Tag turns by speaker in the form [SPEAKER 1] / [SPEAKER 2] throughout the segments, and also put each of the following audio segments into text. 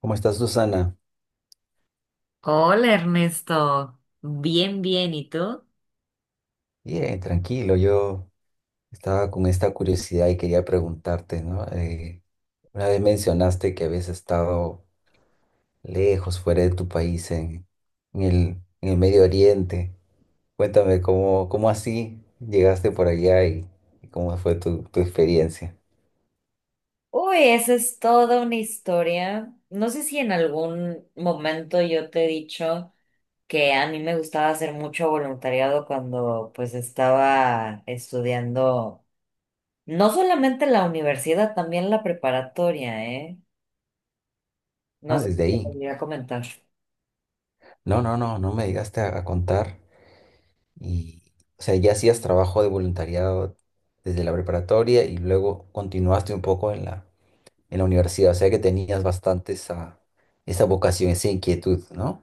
[SPEAKER 1] ¿Cómo estás, Susana?
[SPEAKER 2] Hola Ernesto, bien, bien, ¿y tú?
[SPEAKER 1] Bien, tranquilo. Yo estaba con esta curiosidad y quería preguntarte, ¿no? Una vez mencionaste que habías estado lejos, fuera de tu país, en el, en el Medio Oriente. Cuéntame, ¿ cómo así llegaste por allá y cómo fue tu experiencia?
[SPEAKER 2] Uy, esa es toda una historia. No sé si en algún momento yo te he dicho que a mí me gustaba hacer mucho voluntariado cuando pues estaba estudiando, no solamente la universidad, también la preparatoria, ¿eh? No
[SPEAKER 1] Ah,
[SPEAKER 2] sé si
[SPEAKER 1] desde
[SPEAKER 2] te
[SPEAKER 1] ahí.
[SPEAKER 2] podría comentar.
[SPEAKER 1] No, no, no, no me llegaste a contar. Y, o sea, ya hacías trabajo de voluntariado desde la preparatoria y luego continuaste un poco en la universidad, o sea que tenías bastante esa vocación, esa inquietud, ¿no?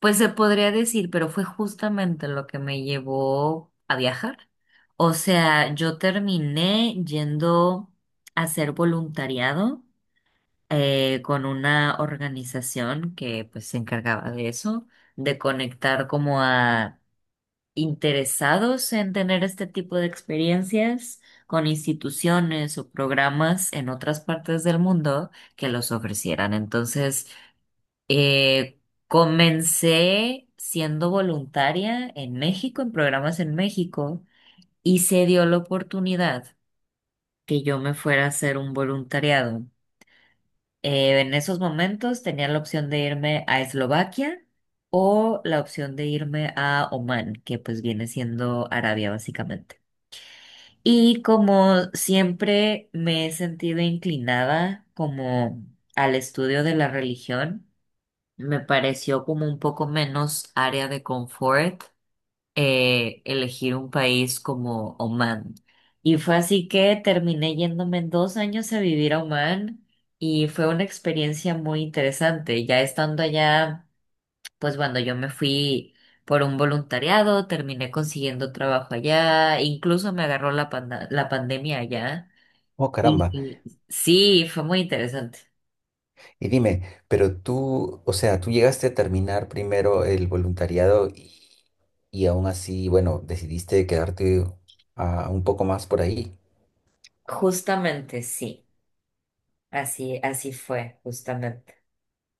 [SPEAKER 2] Pues se podría decir, pero fue justamente lo que me llevó a viajar. O sea, yo terminé yendo a hacer voluntariado con una organización que pues se encargaba de eso, de conectar como a interesados en tener este tipo de experiencias con instituciones o programas en otras partes del mundo que los ofrecieran. Entonces, eh, comencé siendo voluntaria en México, en programas en México, y se dio la oportunidad que yo me fuera a hacer un voluntariado. En esos momentos tenía la opción de irme a Eslovaquia o la opción de irme a Omán, que pues viene siendo Arabia básicamente. Y como siempre me he sentido inclinada como al estudio de la religión, me pareció como un poco menos área de confort elegir un país como Oman. Y fue así que terminé yéndome en 2 años a vivir a Oman y fue una experiencia muy interesante. Ya estando allá, pues cuando yo me fui por un voluntariado, terminé consiguiendo trabajo allá, incluso me agarró la la pandemia allá.
[SPEAKER 1] Oh,
[SPEAKER 2] Y
[SPEAKER 1] caramba.
[SPEAKER 2] y sí, fue muy interesante.
[SPEAKER 1] Y dime, pero tú, o sea, tú llegaste a terminar primero el voluntariado y aún así, bueno, decidiste quedarte ah, un poco más por ahí.
[SPEAKER 2] Justamente, sí. Así, así fue, justamente.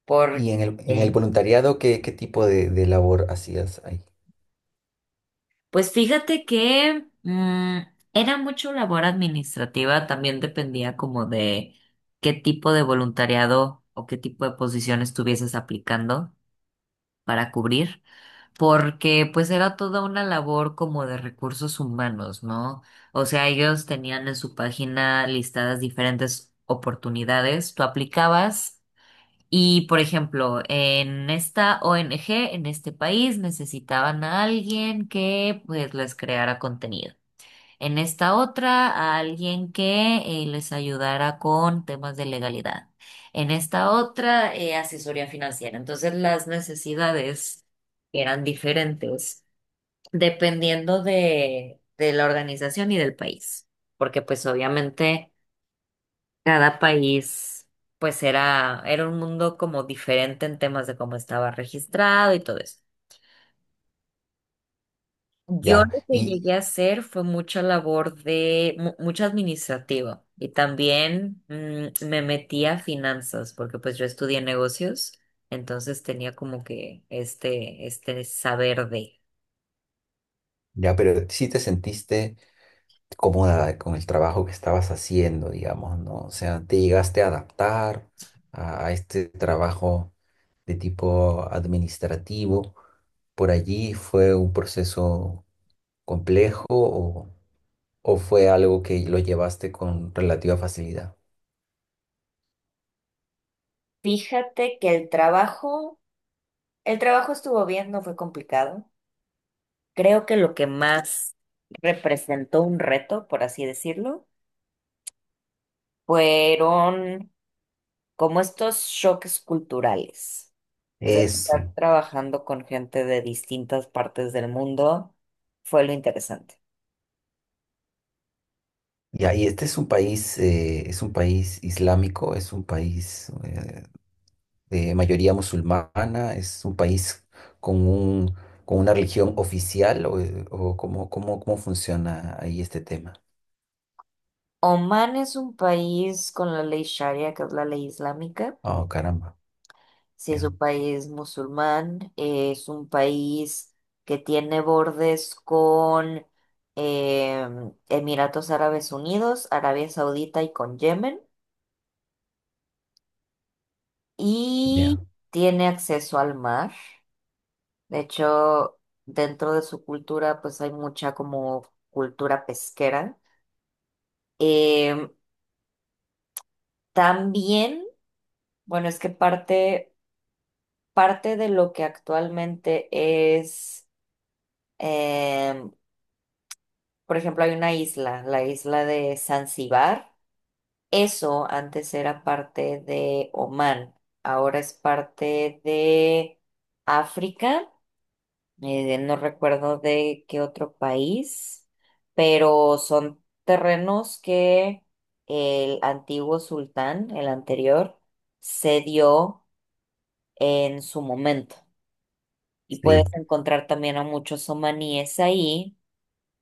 [SPEAKER 2] Porque,
[SPEAKER 1] Y en en el voluntariado, ¿ qué tipo de labor hacías ahí?
[SPEAKER 2] pues fíjate que era mucho labor administrativa, también dependía como de qué tipo de voluntariado o qué tipo de posición estuvieses aplicando para cubrir, porque pues era toda una labor como de recursos humanos, ¿no? O sea, ellos tenían en su página listadas diferentes oportunidades, tú aplicabas. Y, por ejemplo, en esta ONG, en este país, necesitaban a alguien que pues les creara contenido. En esta otra, a alguien que les ayudara con temas de legalidad. En esta otra, asesoría financiera. Entonces, las necesidades eran diferentes dependiendo de la organización y del país. Porque pues obviamente... Cada país, pues era, era un mundo como diferente en temas de cómo estaba registrado y todo eso. Yo
[SPEAKER 1] Ya,
[SPEAKER 2] lo que
[SPEAKER 1] y
[SPEAKER 2] llegué a hacer fue mucha labor de, mucho administrativo y también me metí a finanzas porque pues yo estudié negocios, entonces tenía como que este saber de.
[SPEAKER 1] ya, pero sí te sentiste cómoda con el trabajo que estabas haciendo, digamos, ¿no? O sea, te llegaste a adaptar a este trabajo de tipo administrativo. ¿Por allí fue un proceso complejo o fue algo que lo llevaste con relativa facilidad?
[SPEAKER 2] Fíjate que el trabajo estuvo bien, no fue complicado. Creo que lo que más representó un reto, por así decirlo, fueron como estos choques culturales. O sea, estar
[SPEAKER 1] Eso.
[SPEAKER 2] trabajando con gente de distintas partes del mundo fue lo interesante.
[SPEAKER 1] Y ahí este es un país islámico, es un país de mayoría musulmana, es un país con un, con una religión oficial o cómo, cómo, cómo funciona ahí este tema.
[SPEAKER 2] Omán es un país con la ley Sharia, que es la ley islámica.
[SPEAKER 1] Oh, caramba.
[SPEAKER 2] Si es
[SPEAKER 1] Ya,
[SPEAKER 2] un país musulmán, es un país que tiene bordes con eh, Emiratos Árabes Unidos, Arabia Saudita y con Yemen.
[SPEAKER 1] ya.
[SPEAKER 2] Y tiene acceso al mar. De hecho, dentro de su cultura, pues hay mucha como cultura pesquera. Em, También, bueno, es que parte, parte de lo que actualmente es, em, por ejemplo, hay una isla, la isla de Zanzíbar. Eso antes era parte de Omán, ahora es parte de África. No recuerdo de qué otro país, pero son terrenos que el antiguo sultán, el anterior, cedió en su momento. Y puedes
[SPEAKER 1] Sí.
[SPEAKER 2] encontrar también a muchos omaníes ahí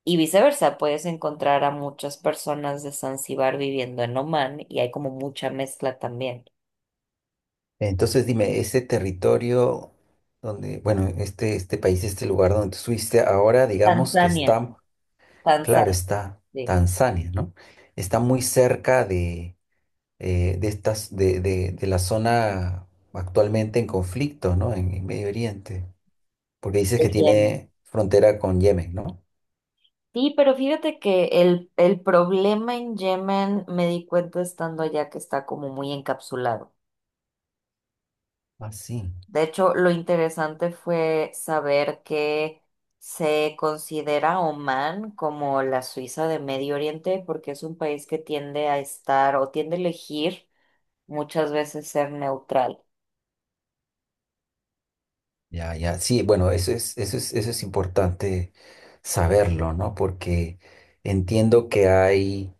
[SPEAKER 2] y viceversa, puedes encontrar a muchas personas de Zanzíbar viviendo en Oman y hay como mucha mezcla también.
[SPEAKER 1] Entonces dime, ese territorio donde, bueno, este país, este lugar donde tú estuviste ahora, digamos que
[SPEAKER 2] Tanzania,
[SPEAKER 1] está, claro,
[SPEAKER 2] Tanzania,
[SPEAKER 1] está Tanzania, ¿no? Está muy cerca de estas, de la zona actualmente en conflicto, ¿no? En Medio Oriente, porque dices que
[SPEAKER 2] sí.
[SPEAKER 1] tiene frontera con Yemen, ¿no?
[SPEAKER 2] Sí, pero fíjate que el problema en Yemen me di cuenta estando allá que está como muy encapsulado.
[SPEAKER 1] Ah, sí.
[SPEAKER 2] De hecho, lo interesante fue saber que se considera Omán como la Suiza de Medio Oriente porque es un país que tiende a estar o tiende a elegir muchas veces ser neutral.
[SPEAKER 1] Ya, ya, sí, bueno, eso es, eso es, eso es importante saberlo, ¿no? Porque entiendo que hay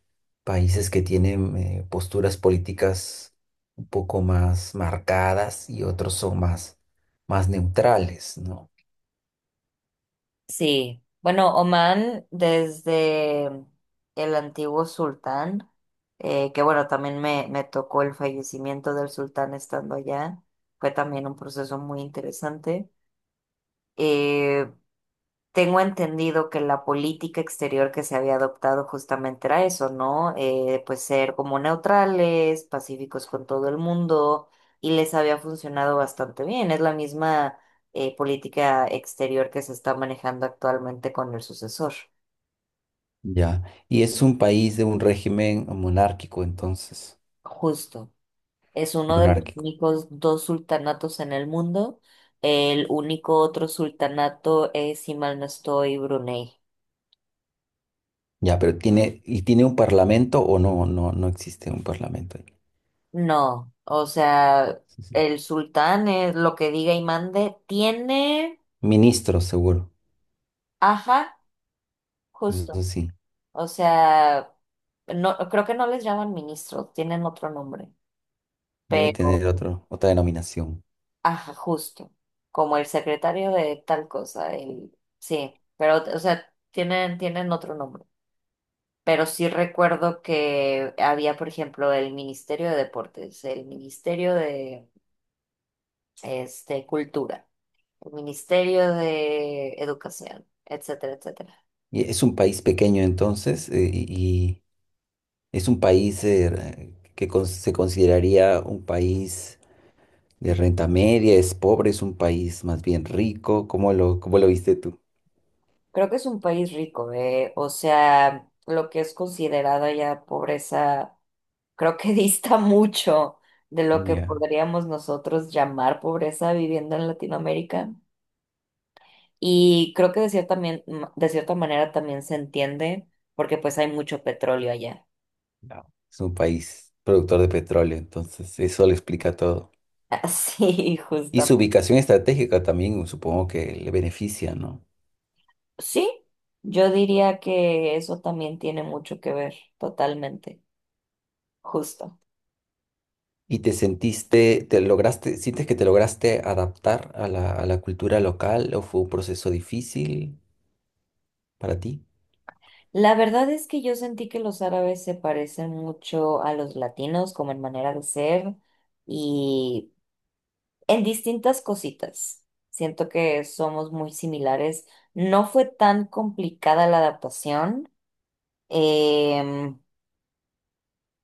[SPEAKER 1] países que tienen posturas políticas un poco más marcadas y otros son más, más neutrales, ¿no?
[SPEAKER 2] Sí, bueno, Omán desde el antiguo sultán, que bueno, también me tocó el fallecimiento del sultán estando allá, fue también un proceso muy interesante. Eh, Tengo entendido que la política exterior que se había adoptado justamente era eso, ¿no? Pues ser como neutrales, pacíficos con todo el mundo, y les había funcionado bastante bien. Es la misma política exterior que se está manejando actualmente con el sucesor.
[SPEAKER 1] Ya, y es un país de un régimen monárquico, entonces,
[SPEAKER 2] Justo. Es uno de los
[SPEAKER 1] monárquico.
[SPEAKER 2] únicos dos sultanatos en el mundo. El único otro sultanato es, si mal no estoy, Brunei.
[SPEAKER 1] Ya, pero tiene, ¿y tiene un parlamento o no? No, no existe un parlamento ahí.
[SPEAKER 2] No, o sea,
[SPEAKER 1] Sí, sí.
[SPEAKER 2] el sultán es lo que diga y mande. Tiene,
[SPEAKER 1] Ministros, seguro,
[SPEAKER 2] ajá, justo.
[SPEAKER 1] eso sí.
[SPEAKER 2] O sea, no, creo que no les llaman ministros, tienen otro nombre,
[SPEAKER 1] Debe
[SPEAKER 2] pero,
[SPEAKER 1] tener otro, otra denominación.
[SPEAKER 2] ajá, justo. Como el secretario de tal cosa, el, sí, pero, o sea, tienen, tienen otro nombre. Pero sí recuerdo que había, por ejemplo, el Ministerio de Deportes, el Ministerio de, este, Cultura. El Ministerio de Educación, etcétera, etcétera.
[SPEAKER 1] Y es un país pequeño entonces, y es un país se consideraría un país de renta media, es pobre, es un país más bien rico. ¿Cómo cómo lo viste tú?
[SPEAKER 2] Creo que es un país rico, ¿eh? O sea, lo que es considerada ya pobreza, creo que dista mucho de lo que
[SPEAKER 1] Ya.
[SPEAKER 2] podríamos nosotros llamar pobreza viviendo en Latinoamérica. Y creo que de cierta, de cierta manera también se entiende, porque pues hay mucho petróleo allá.
[SPEAKER 1] No. Es un país productor de petróleo, entonces eso lo explica todo.
[SPEAKER 2] Así,
[SPEAKER 1] Y su
[SPEAKER 2] justamente.
[SPEAKER 1] ubicación estratégica también supongo que le beneficia, ¿no?
[SPEAKER 2] Sí, yo diría que eso también tiene mucho que ver, totalmente, justo.
[SPEAKER 1] ¿Y te sentiste, te lograste, sientes que te lograste adaptar a a la cultura local o fue un proceso difícil para ti?
[SPEAKER 2] La verdad es que yo sentí que los árabes se parecen mucho a los latinos, como en manera de ser y en distintas cositas. Siento que somos muy similares. No fue tan complicada la adaptación. Em,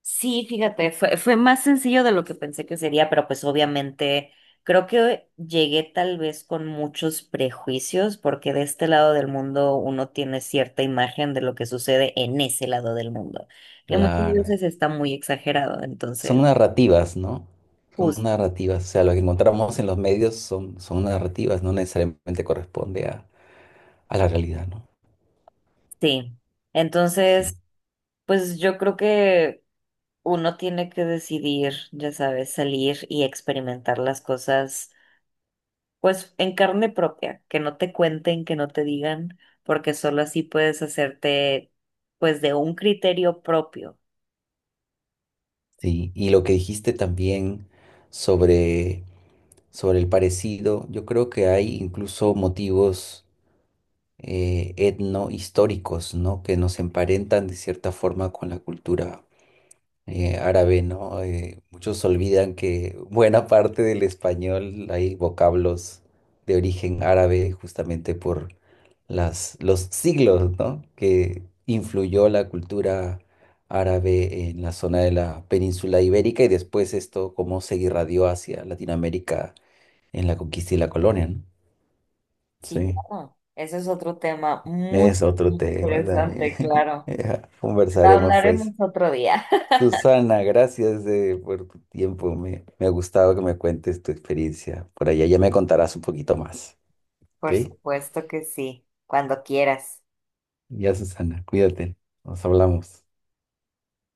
[SPEAKER 2] Sí, fíjate, fue, fue más sencillo de lo que pensé que sería, pero pues obviamente creo que llegué tal vez con muchos prejuicios, porque de este lado del mundo uno tiene cierta imagen de lo que sucede en ese lado del mundo, que muchas
[SPEAKER 1] Claro.
[SPEAKER 2] veces está muy exagerado,
[SPEAKER 1] Son
[SPEAKER 2] entonces,
[SPEAKER 1] narrativas, ¿no? Son
[SPEAKER 2] pues
[SPEAKER 1] narrativas. O sea, lo que encontramos en los medios son, son narrativas, no necesariamente corresponde a la realidad, ¿no?
[SPEAKER 2] sí.
[SPEAKER 1] Sí.
[SPEAKER 2] Entonces, pues yo creo que uno tiene que decidir, ya sabes, salir y experimentar las cosas pues en carne propia, que no te cuenten, que no te digan, porque solo así puedes hacerte pues de un criterio propio.
[SPEAKER 1] Sí. Y lo que dijiste también sobre, sobre el parecido, yo creo que hay incluso motivos. Etnohistóricos, ¿no? Que nos emparentan de cierta forma con la cultura árabe, ¿no? Muchos olvidan que buena parte del español hay vocablos de origen árabe justamente por los siglos, ¿no? Que influyó la cultura árabe en la zona de la península ibérica y después esto cómo se irradió hacia Latinoamérica en la conquista y la colonia, ¿no?
[SPEAKER 2] Sí,
[SPEAKER 1] Sí.
[SPEAKER 2] claro. Ese es otro tema muy
[SPEAKER 1] Es otro
[SPEAKER 2] muy
[SPEAKER 1] tema
[SPEAKER 2] interesante,
[SPEAKER 1] también.
[SPEAKER 2] claro.
[SPEAKER 1] Ya,
[SPEAKER 2] Lo
[SPEAKER 1] conversaremos
[SPEAKER 2] hablaremos
[SPEAKER 1] pues.
[SPEAKER 2] otro día.
[SPEAKER 1] Susana, gracias por tu tiempo. Me ha gustado que me cuentes tu experiencia. Por allá ya me contarás un poquito más. ¿Ok?
[SPEAKER 2] Por supuesto que sí, cuando quieras.
[SPEAKER 1] Ya, Susana, cuídate. Nos hablamos.